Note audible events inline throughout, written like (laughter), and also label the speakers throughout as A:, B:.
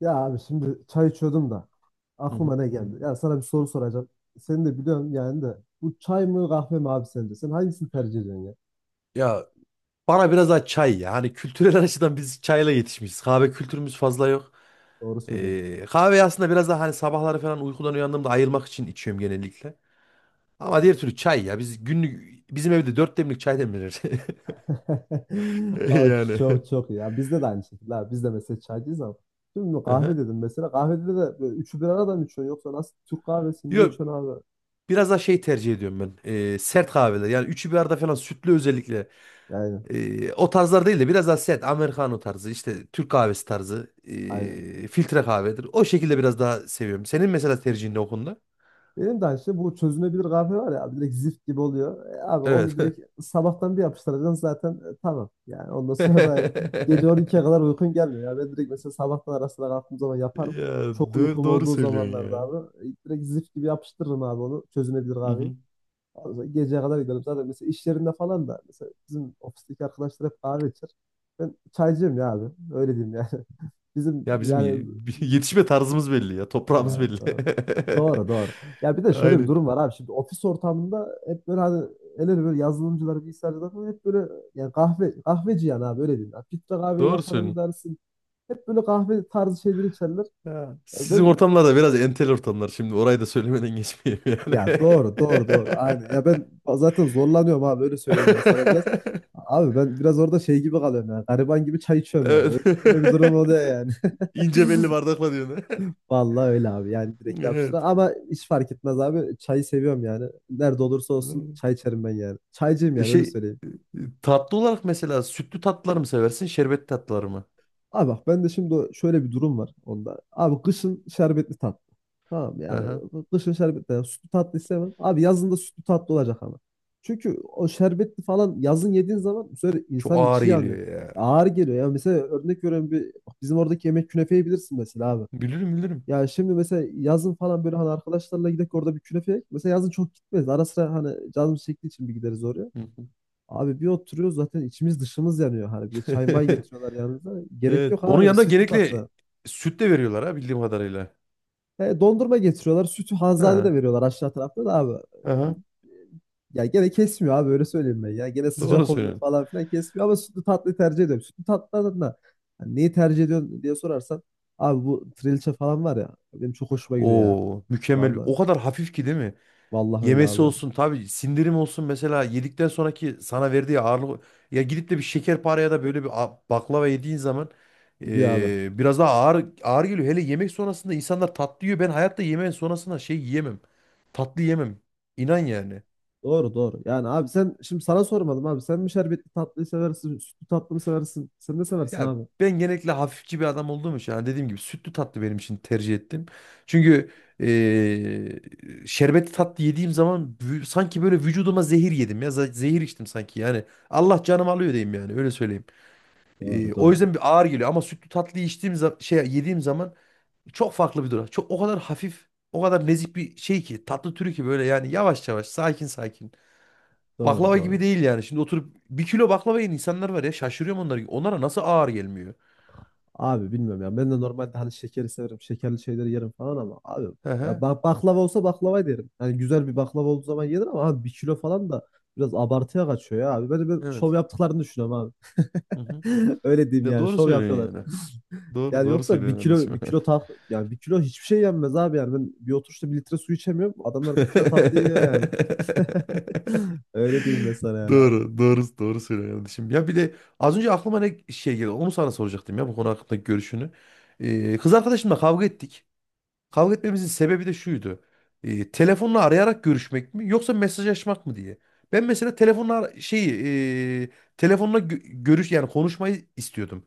A: Ya abi şimdi çay içiyordum da
B: Hı hı.
A: aklıma ne geldi? Ya sana bir soru soracağım. Seni de biliyorum yani de, bu çay mı kahve mi abi sence? Sen hangisini tercih ediyorsun ya?
B: Ya bana biraz daha çay ya. Hani kültürel (laughs) açıdan biz çayla yetişmişiz. Kahve kültürümüz fazla yok.
A: Doğru söylüyorsun.
B: Kahve aslında biraz daha hani sabahları falan uykudan uyandığımda ayılmak için içiyorum genellikle. Ama diğer türlü çay ya. Biz günlük bizim evde dört demlik çay demlenir. (laughs)
A: (laughs) Aa,
B: Yani.
A: çok çok iyi. Ya bizde de aynı şekilde abi. Biz de mesela çaycıyız ama. Şimdi
B: Hı
A: kahve
B: hı.
A: dedim mesela. Kahvede de böyle üçü bir arada mı içiyorsun, yoksa nasıl, Türk kahvesi ne
B: Yok.
A: içiyorsun abi?
B: Biraz daha şey tercih ediyorum ben. Sert kahveler. Yani üçü bir arada falan sütlü özellikle.
A: Yani
B: O tarzlar değil de biraz daha sert. Americano tarzı işte Türk kahvesi tarzı.
A: aynen.
B: Filtre kahvedir. O şekilde biraz daha seviyorum. Senin mesela tercihin ne o konuda?
A: Benim de aynı şey, bu çözünebilir kahve var ya abi, direkt zift gibi oluyor. Abi onu
B: Evet.
A: direkt sabahtan bir yapıştıracaksın zaten, tamam. Yani ondan sonra da gece 12'ye
B: (laughs)
A: kadar uykun gelmiyor. Ya ben direkt mesela sabahtan arasına kalktığım zaman yaparım.
B: Ya
A: Çok
B: doğru,
A: uykum
B: doğru
A: olduğu
B: söylüyorsun
A: zamanlarda
B: ya.
A: abi, direkt zift gibi yapıştırırım abi onu, çözünebilir
B: Hı
A: kahveyi.
B: hı.
A: Ondan sonra geceye kadar giderim. Zaten mesela iş yerinde falan da, mesela bizim ofisteki arkadaşlar hep kahve içer. Ben çaycıyım ya abi. Öyle diyeyim yani. (laughs) Bizim
B: Ya bizim
A: yani
B: (laughs) yetişme tarzımız belli ya. Toprağımız
A: evet,
B: belli.
A: doğru. Doğru doğru. Ya bir
B: (laughs)
A: de şöyle bir
B: Aynen.
A: durum var abi. Şimdi ofis ortamında hep böyle hani el ele, böyle yazılımcılar, bilgisayarcılar falan hep böyle yani kahve, kahveci yani abi, öyle diyeyim. Ya filtre kahve
B: Doğru
A: yapanı mı
B: söylüyorsun.
A: dersin? Hep böyle kahve tarzı şeyleri içerler.
B: Ya,
A: Ya
B: sizin
A: ben,
B: ortamlar da biraz entel ortamlar. Şimdi orayı da söylemeden geçmeyeyim
A: ya
B: yani.
A: doğru doğru
B: (laughs)
A: doğru aynen. Ya ben zaten zorlanıyorum abi, öyle söyleyeyim ben sana biraz. Abi ben biraz orada şey gibi kalıyorum yani. Gariban gibi çay içiyorum yani.
B: Evet.
A: Öyle, öyle bir durum oluyor yani.
B: (laughs) İnce belli bardakla diyorsun.
A: Vallahi öyle abi, yani
B: (laughs)
A: direkt yapıştır.
B: Evet.
A: Ama hiç fark etmez abi. Çayı seviyorum yani. Nerede olursa olsun çay içerim ben yani. Çaycıyım
B: E
A: yani, öyle
B: şey
A: söyleyeyim.
B: e, e, tatlı olarak mesela sütlü tatlılar mı seversin, şerbetli tatlılar mı?
A: Abi bak, ben de şimdi o- şöyle bir durum var onda. Abi kışın şerbetli tatlı. Tamam mı? Yani kışın şerbetli. Yani sütlü tatlı istemem. Abi yazın da sütlü tatlı olacak ama. Çünkü o şerbetli falan yazın yediğin zaman bu sefer
B: Çok
A: insanın
B: ağır
A: içi yanıyor.
B: geliyor ya.
A: Ağır geliyor. Ya mesela örnek veriyorum, bir bizim oradaki yemek, künefeyi bilirsin mesela abi.
B: Bilirim, bilirim.
A: Ya şimdi mesela yazın falan böyle hani arkadaşlarla gidip orada bir künefe yek. Mesela yazın çok gitmeyiz. Ara sıra hani canımız çektiği için bir gideriz oraya.
B: Hı hı.
A: Abi bir oturuyoruz, zaten içimiz dışımız yanıyor. Hani bir de çay may
B: (laughs)
A: getiriyorlar yanında. Gerek
B: Evet.
A: yok
B: Onun
A: abi
B: yanında
A: sütlü
B: genellikle
A: tatlı.
B: süt de veriyorlar ha, bildiğim kadarıyla.
A: He, dondurma getiriyorlar. Sütü Hanzade de
B: Ha.
A: veriyorlar, aşağı tarafta da abi.
B: Aha.
A: Ya gene kesmiyor abi, öyle söyleyeyim ben. Ya gene
B: Doğru
A: sıcak oluyor
B: söylüyorsun.
A: falan filan, kesmiyor ama sütlü tatlıyı tercih ediyorum. Sütlü tatlılardan da hani neyi tercih ediyorsun diye sorarsan, abi bu trilce falan var ya, benim çok hoşuma gidiyor ya.
B: Oo, mükemmel.
A: Vallahi.
B: O kadar hafif ki, değil mi?
A: Vallahi öyle
B: Yemesi
A: abi.
B: olsun tabii, sindirim olsun mesela, yedikten sonraki sana verdiği ağırlık, ya gidip de bir şekerpare ya da böyle bir baklava yediğin zaman
A: Gidiyor abi.
B: biraz daha ağır ağır geliyor. Hele yemek sonrasında insanlar tatlı yiyor. Ben hayatta yemeğin sonrasında şey yiyemem. Tatlı yemem. İnan yani.
A: Doğru doğru. Yani abi sen şimdi, sana sormadım abi. Sen mi şerbetli tatlıyı seversin? Sütlü tatlı mı seversin? Sen ne seversin
B: Ya
A: abi?
B: ben genellikle hafifçi bir adam olduğum için, hani dediğim gibi, sütlü tatlı benim için tercih ettim. Çünkü eee şerbetli tatlı yediğim zaman sanki böyle vücuduma zehir yedim ya, zehir içtim sanki yani, Allah canım alıyor diyeyim yani, öyle söyleyeyim. Eee,
A: Doğru
B: o
A: doğru.
B: yüzden bir ağır geliyor, ama sütlü tatlıyı içtiğim yediğim zaman çok farklı bir durum. Çok, o kadar hafif, o kadar nezih bir şey ki tatlı türü, ki böyle yani yavaş yavaş, sakin sakin.
A: Doğru
B: Baklava gibi
A: doğru.
B: değil yani. Şimdi oturup bir kilo baklava yiyen insanlar var ya, şaşırıyorum onlara. Onlara nasıl ağır gelmiyor?
A: Abi bilmiyorum ya. Ben de normalde hani şekeri severim. Şekerli şeyleri yerim falan ama abi,
B: Hı
A: ya
B: hı.
A: bak, baklava olsa baklava yerim. Yani güzel bir baklava olduğu zaman yenir ama abi bir kilo falan da biraz abartıya kaçıyor ya abi. Böyle bir şov
B: Evet.
A: yaptıklarını düşünüyorum abi.
B: Hı hı.
A: (laughs) Öyle diyeyim
B: Ya
A: yani,
B: doğru
A: şov yapıyorlar.
B: söylüyorsun yani.
A: (laughs)
B: Doğru
A: Yani
B: doğru
A: yoksa bir
B: söylüyorsun
A: kilo, bir
B: kardeşim.
A: kilo tat, yani bir kilo hiçbir şey yenmez abi. Yani ben bir oturuşta bir litre su içemiyorum. Adamlar bir kilo tatlı yiyor yani. (laughs) Öyle diyeyim
B: (laughs)
A: mesela yani abi.
B: Doğru, doğru, doğru söylüyorsun kardeşim. Ya bir de az önce aklıma ne şey geldi. Onu sana soracaktım ya, bu konu hakkındaki görüşünü. Kız arkadaşımla kavga ettik. Kavga etmemizin sebebi de şuydu. Telefonla arayarak görüşmek mi, yoksa mesajlaşmak mı diye. Ben mesela telefonla e, telefonla gö- görüş yani konuşmayı istiyordum.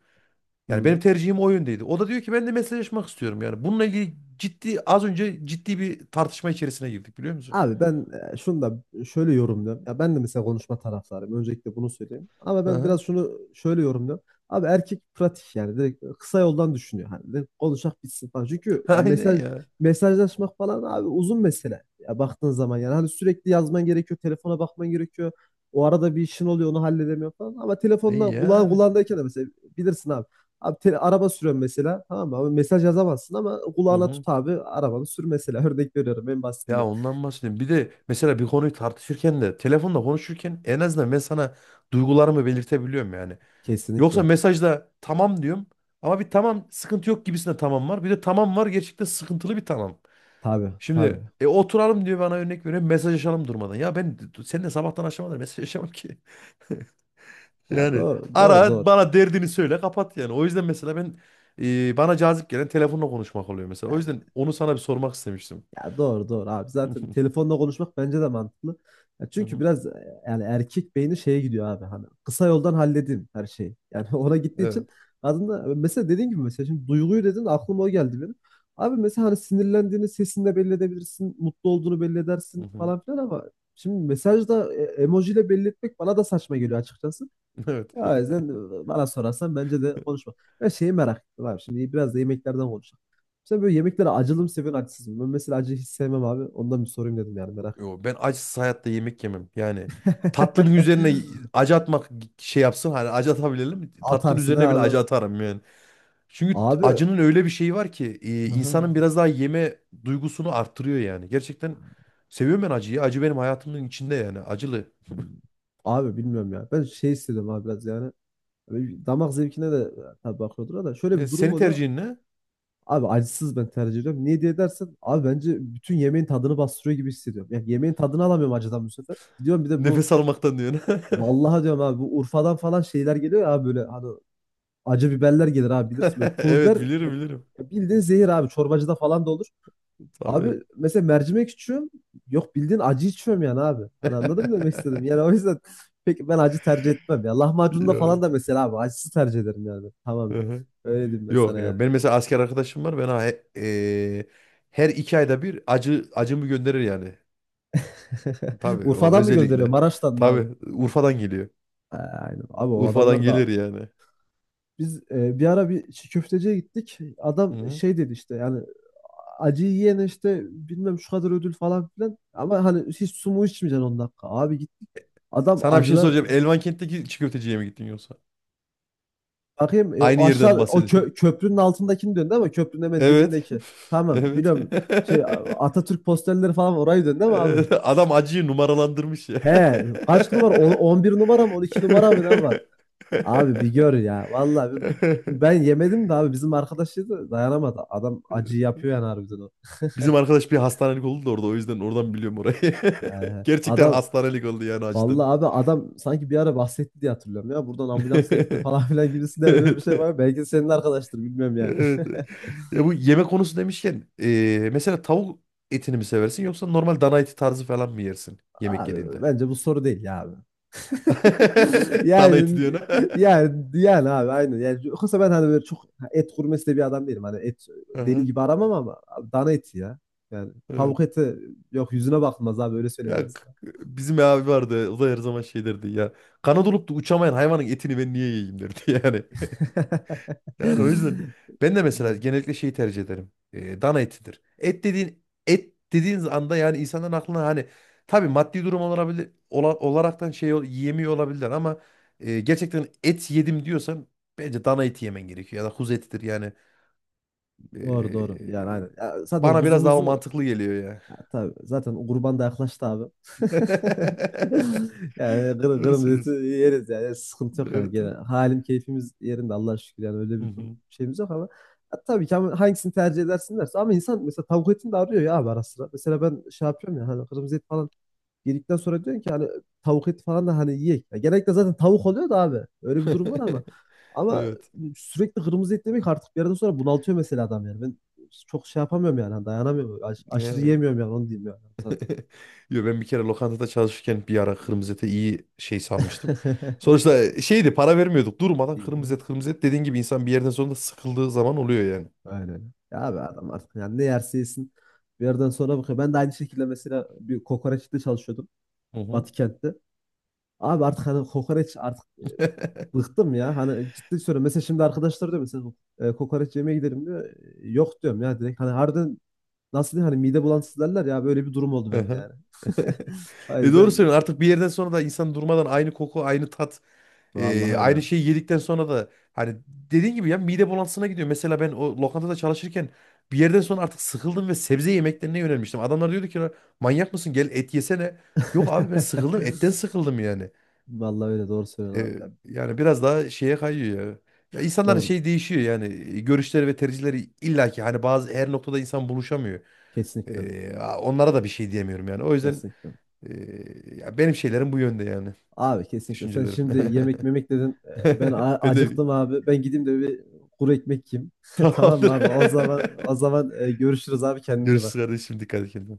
B: Yani
A: Hmm.
B: benim tercihim o yöndeydi. O da diyor ki ben de mesajlaşmak istiyorum yani. Bununla ilgili az önce ciddi bir tartışma içerisine girdik, biliyor musun?
A: Abi ben şunu da şöyle yorumluyorum. Ya ben de mesela konuşma taraftarıyım. Öncelikle bunu söyleyeyim. Ama ben
B: Aha.
A: biraz şunu şöyle yorumluyorum. Abi erkek pratik, yani direkt kısa yoldan düşünüyor. Hani direkt konuşak bitsin falan. Çünkü
B: (laughs)
A: ya
B: Aynen
A: mesaj
B: ya.
A: mesajlaşmak falan abi uzun mesele. Ya baktığın zaman yani hani sürekli yazman gerekiyor, telefona bakman gerekiyor. O arada bir işin oluyor, onu halledemiyor falan. Ama
B: E
A: telefonla kulağın
B: yani.
A: kulağındayken de mesela bilirsin abi. Abi te- araba sürüyorum mesela, tamam mı? Abi mesaj yazamazsın ama
B: Hı
A: kulağına
B: hı.
A: tut abi, arabanı sür mesela. (laughs) Örnek veriyorum en basitinden.
B: Ya ondan bahsedeyim. Bir de mesela bir konuyu tartışırken de, telefonda konuşurken, en azından ben sana duygularımı belirtebiliyorum yani. Yoksa
A: Kesinlikle.
B: mesajda tamam diyorum, ama bir tamam sıkıntı yok gibisinde tamam var. Bir de tamam var, gerçekten sıkıntılı bir tamam.
A: Tabii
B: Şimdi
A: tabii.
B: oturalım diyor bana, örnek veriyorum, mesajlaşalım durmadan. Ya ben seninle sabahtan akşama kadar mesajlaşamam ki.
A: Ya
B: Yani
A: doğru doğru
B: ara
A: doğru.
B: bana, derdini söyle, kapat yani. O yüzden mesela ben bana cazip gelen telefonla konuşmak oluyor mesela. O
A: Yani,
B: yüzden onu sana bir sormak istemiştim.
A: ya doğru doğru abi. Zaten
B: (laughs)
A: telefonla konuşmak bence de mantıklı. Ya
B: Hı
A: çünkü
B: hı.
A: biraz yani erkek beyni şeye gidiyor abi, hani kısa yoldan halledeyim her şeyi. Yani (laughs) ona gittiği için
B: Evet.
A: aslında, mesela dediğin gibi, mesela şimdi duyguyu dedin, aklıma o geldi benim. Abi mesela hani sinirlendiğini sesinle belli edebilirsin, mutlu olduğunu belli
B: Hı
A: edersin
B: hı.
A: falan
B: (laughs)
A: filan ama şimdi mesajda emojiyle belli etmek bana da saçma geliyor açıkçası.
B: Evet.
A: Ya o yüzden bana sorarsan bence de konuşma. Ben şeyi merak ettim abi. Şimdi biraz da yemeklerden konuşalım. Sen böyle yemeklere acılı mı seviyorsun, acısız mı? Ben mesela acıyı hiç sevmem abi. Ondan bir sorayım dedim yani, merak ettim.
B: Yo, ben acısız hayatta yemek yemem. Yani tatlının üzerine acı atmak, şey yapsın hani, acı atabilelim.
A: (laughs)
B: Tatlının
A: Atarsın ha
B: üzerine bile acı
A: abi.
B: atarım yani. Çünkü
A: Abi.
B: acının öyle bir şeyi var ki,
A: Aha.
B: insanın biraz daha yeme duygusunu arttırıyor yani. Gerçekten seviyorum ben acıyı. Acı benim hayatımın içinde yani, acılı.
A: Abi bilmiyorum ya. Ben şey istedim abi biraz yani. Böyle damak zevkine de tabii bakıyordur ama şöyle
B: E,
A: bir durum
B: senin
A: oluyor.
B: tercihin ne?
A: Abi acısız ben tercih ediyorum. Niye diye dersen abi bence bütün yemeğin tadını bastırıyor gibi hissediyorum. Yani yemeğin tadını alamıyorum acıdan bu sefer. Gidiyorum bir de bu,
B: Nefes almaktan diyorsun. (laughs)
A: vallahi diyorum abi, bu Urfa'dan falan şeyler geliyor ya abi, böyle hani acı biberler gelir abi, bilirsin böyle pul biber
B: Evet, bilirim
A: ya,
B: bilirim.
A: ya bildiğin zehir abi, çorbacıda falan da olur.
B: Tabii.
A: Abi mesela mercimek içiyorum, yok bildiğin acı içiyorum yani abi. Hani anladın mı demek istedim yani, o yüzden (laughs) peki ben acı tercih etmem ya,
B: (laughs)
A: lahmacunda falan
B: Yok.
A: da mesela abi acısı tercih ederim yani tamamen.
B: Hı-hı.
A: Öyle diyeyim ben
B: Yok
A: sana yani.
B: ya. Benim mesela asker arkadaşım var. Ben e, her 2 ayda bir acı acımı gönderir yani.
A: (laughs)
B: Tabii, o
A: Urfa'dan mı gönderiyor,
B: özellikle.
A: Maraş'tan mı abi?
B: Tabii Urfa'dan geliyor.
A: Ha, aynen. Abi o
B: Urfa'dan
A: adamlar
B: gelir
A: da
B: yani.
A: biz bir ara bir çiğ köfteciye gittik. Adam
B: Hı-hı.
A: şey dedi işte yani acıyı yiyene işte bilmem şu kadar ödül falan filan. Ama hani hiç su mu içmeyeceksin 10 dakika. Abi gittik. Adam
B: Sana bir şey
A: acılar,
B: soracağım. Elvankent'teki çiğ köfteciye mi gittin yoksa?
A: bakayım,
B: Aynı
A: o
B: yerden
A: aşağı o kö-
B: bahsediyorsun. (laughs)
A: köprünün altındakini döndü ama köprünün hemen
B: Evet. (laughs)
A: dibindeki. Tamam
B: Evet.
A: biliyorum, şey
B: (laughs)
A: Atatürk posterleri falan, orayı döndü ama abi.
B: Evet, adam acıyı numaralandırmış ya.
A: He, kaç numara? On- 11 numara mı, 12 numara mı, ne var? Abi bir
B: (laughs)
A: gör
B: (laughs)
A: ya. Vallahi bir- ben yemedim de abi, bizim arkadaş yedi, dayanamadı. Adam acı yapıyor yani harbiden o.
B: Bizim arkadaş bir hastanelik oldu da orada, o yüzden oradan biliyorum orayı. (laughs) Gerçekten
A: Adam
B: hastanelik oldu yani, acıdan.
A: vallahi abi, adam sanki bir ara bahsetti diye hatırlıyorum ya. Buradan ambulansla gitti falan (laughs) filan
B: (laughs)
A: gibisinden, böyle bir şey
B: Evet.
A: var. Belki de senin arkadaştır, bilmiyorum yani.
B: Evet. Ya bu yemek konusu demişken, mesela tavuk etini mi seversin, yoksa normal dana eti tarzı falan mı yersin
A: (laughs)
B: yemek
A: Abi
B: yediğinde?
A: bence bu soru değil ya abi. (laughs)
B: (laughs) Dana eti
A: Yani
B: diyorsun, Ha?
A: yani abi aynen. Yani yoksa ben hani böyle çok et gurmesi de bir adam değilim. Hani et
B: (laughs)
A: deli
B: Aha,
A: gibi aramam ama abi, dana eti ya. Yani
B: evet.
A: tavuk eti, yok, yüzüne bakılmaz abi, öyle söyleyeyim ben
B: Ya
A: sana.
B: bizim abi vardı, o da her zaman şey derdi ya. Kanat olup da uçamayan hayvanın etini ben niye yiyeyim derdi yani. Yani o yüzden ben de mesela
A: (laughs)
B: genellikle şeyi tercih ederim. Dana etidir. Et dediğiniz anda yani, insanların aklına hani, tabii maddi durum olabilir, olaraktan yiyemiyor olabilirler ama gerçekten et yedim diyorsan, bence dana eti yemen gerekiyor ya da kuzu etidir yani.
A: Doğru doğru. Yani
B: Ee,
A: aynen. Ya zaten
B: bana biraz daha o
A: kuzumuzu,
B: mantıklı geliyor ya.
A: ya tabii zaten kurban da yaklaştı abi. (laughs)
B: (laughs)
A: Yani kır,
B: Doğru
A: kırmızı eti
B: söylüyorsun.
A: yeriz, yani sıkıntı yok yani,
B: Evet.
A: gene halim keyfimiz yerinde Allah'a şükür yani, öyle
B: Hı
A: bir dur-
B: hı.
A: şeyimiz yok ama, ya tabii ki, ama hangisini tercih edersin derse, ama insan mesela tavuk etini de arıyor ya abi, ara sıra. Mesela ben şey yapıyorum ya hani, kırmızı et falan yedikten sonra diyorsun ki hani tavuk eti falan da hani yiyek. Ya genellikle zaten tavuk oluyor da abi. Öyle bir durum var ama.
B: (laughs)
A: Ama
B: Evet.
A: sürekli kırmızı et yemek artık bir yerden sonra bunaltıyor mesela adam yani. Ben çok şey yapamıyorum yani hani, dayanamıyorum. Aşırı
B: Yani.
A: yiyemiyorum yani, onu diyeyim yani sana.
B: (laughs) Yo, ben bir kere lokantada çalışırken bir ara kırmızı ete iyi şey sanmıştım.
A: (laughs)
B: Sonuçta şeydi, para vermiyorduk. Durmadan kırmızı
A: İyi.
B: et, kırmızı et dediğin gibi, insan bir yerden sonra da sıkıldığı zaman oluyor yani.
A: Aynen. Ya abi adam artık yani ne yerse yesin. Bir yerden sonra bakıyor. Ben de aynı şekilde mesela bir kokoreçte çalışıyordum.
B: Hı hı.
A: Batı kentte. Abi artık hani kokoreç, artık bıktım ya. Hani ciddi söylüyorum. Mesela şimdi arkadaşlar diyor mesela, kokoreç yemeye gidelim diyor. E, yok diyorum ya direkt. Hani harbiden nasıl diyeyim, hani mide bulantısı derler ya, böyle bir durum oldu bende
B: Aha.
A: yani.
B: (laughs)
A: (laughs) O
B: Doğru
A: yüzden
B: söylüyorsun. Artık bir yerden sonra da insan durmadan aynı koku, aynı tat,
A: vallahi öyle.
B: aynı şeyi yedikten sonra da, hani dediğin gibi ya, mide bulantısına gidiyor. Mesela ben o lokantada çalışırken bir yerden sonra artık sıkıldım ve sebze yemeklerine yönelmiştim. Adamlar diyordu ki, "Lan, manyak mısın, gel et yesene." Yok abi, ben sıkıldım, etten
A: (laughs)
B: sıkıldım yani.
A: Vallahi öyle, doğru
B: E,
A: söylüyorsun abi ya.
B: yani biraz daha şeye kayıyor ya. Ya insanların
A: Doğru.
B: şey değişiyor yani, görüşleri ve tercihleri, illaki hani bazı her noktada insan buluşamıyor.
A: Kesinlikle.
B: Onlara da bir şey diyemiyorum yani. O yüzden
A: Kesinlikle.
B: e, ya benim şeylerim bu yönde yani,
A: Abi kesinlikle. Sen
B: düşüncelerim.
A: şimdi yemek
B: (laughs)
A: memek dedin. Ben
B: Ben de
A: acıktım abi. Ben gideyim de bir kuru ekmek yiyeyim. (laughs) Tamam mı abi? O
B: tamamdır.
A: zaman, o zaman görüşürüz abi.
B: (laughs)
A: Kendine iyi
B: Görüşürüz
A: bak.
B: kardeşim, dikkat et kendine.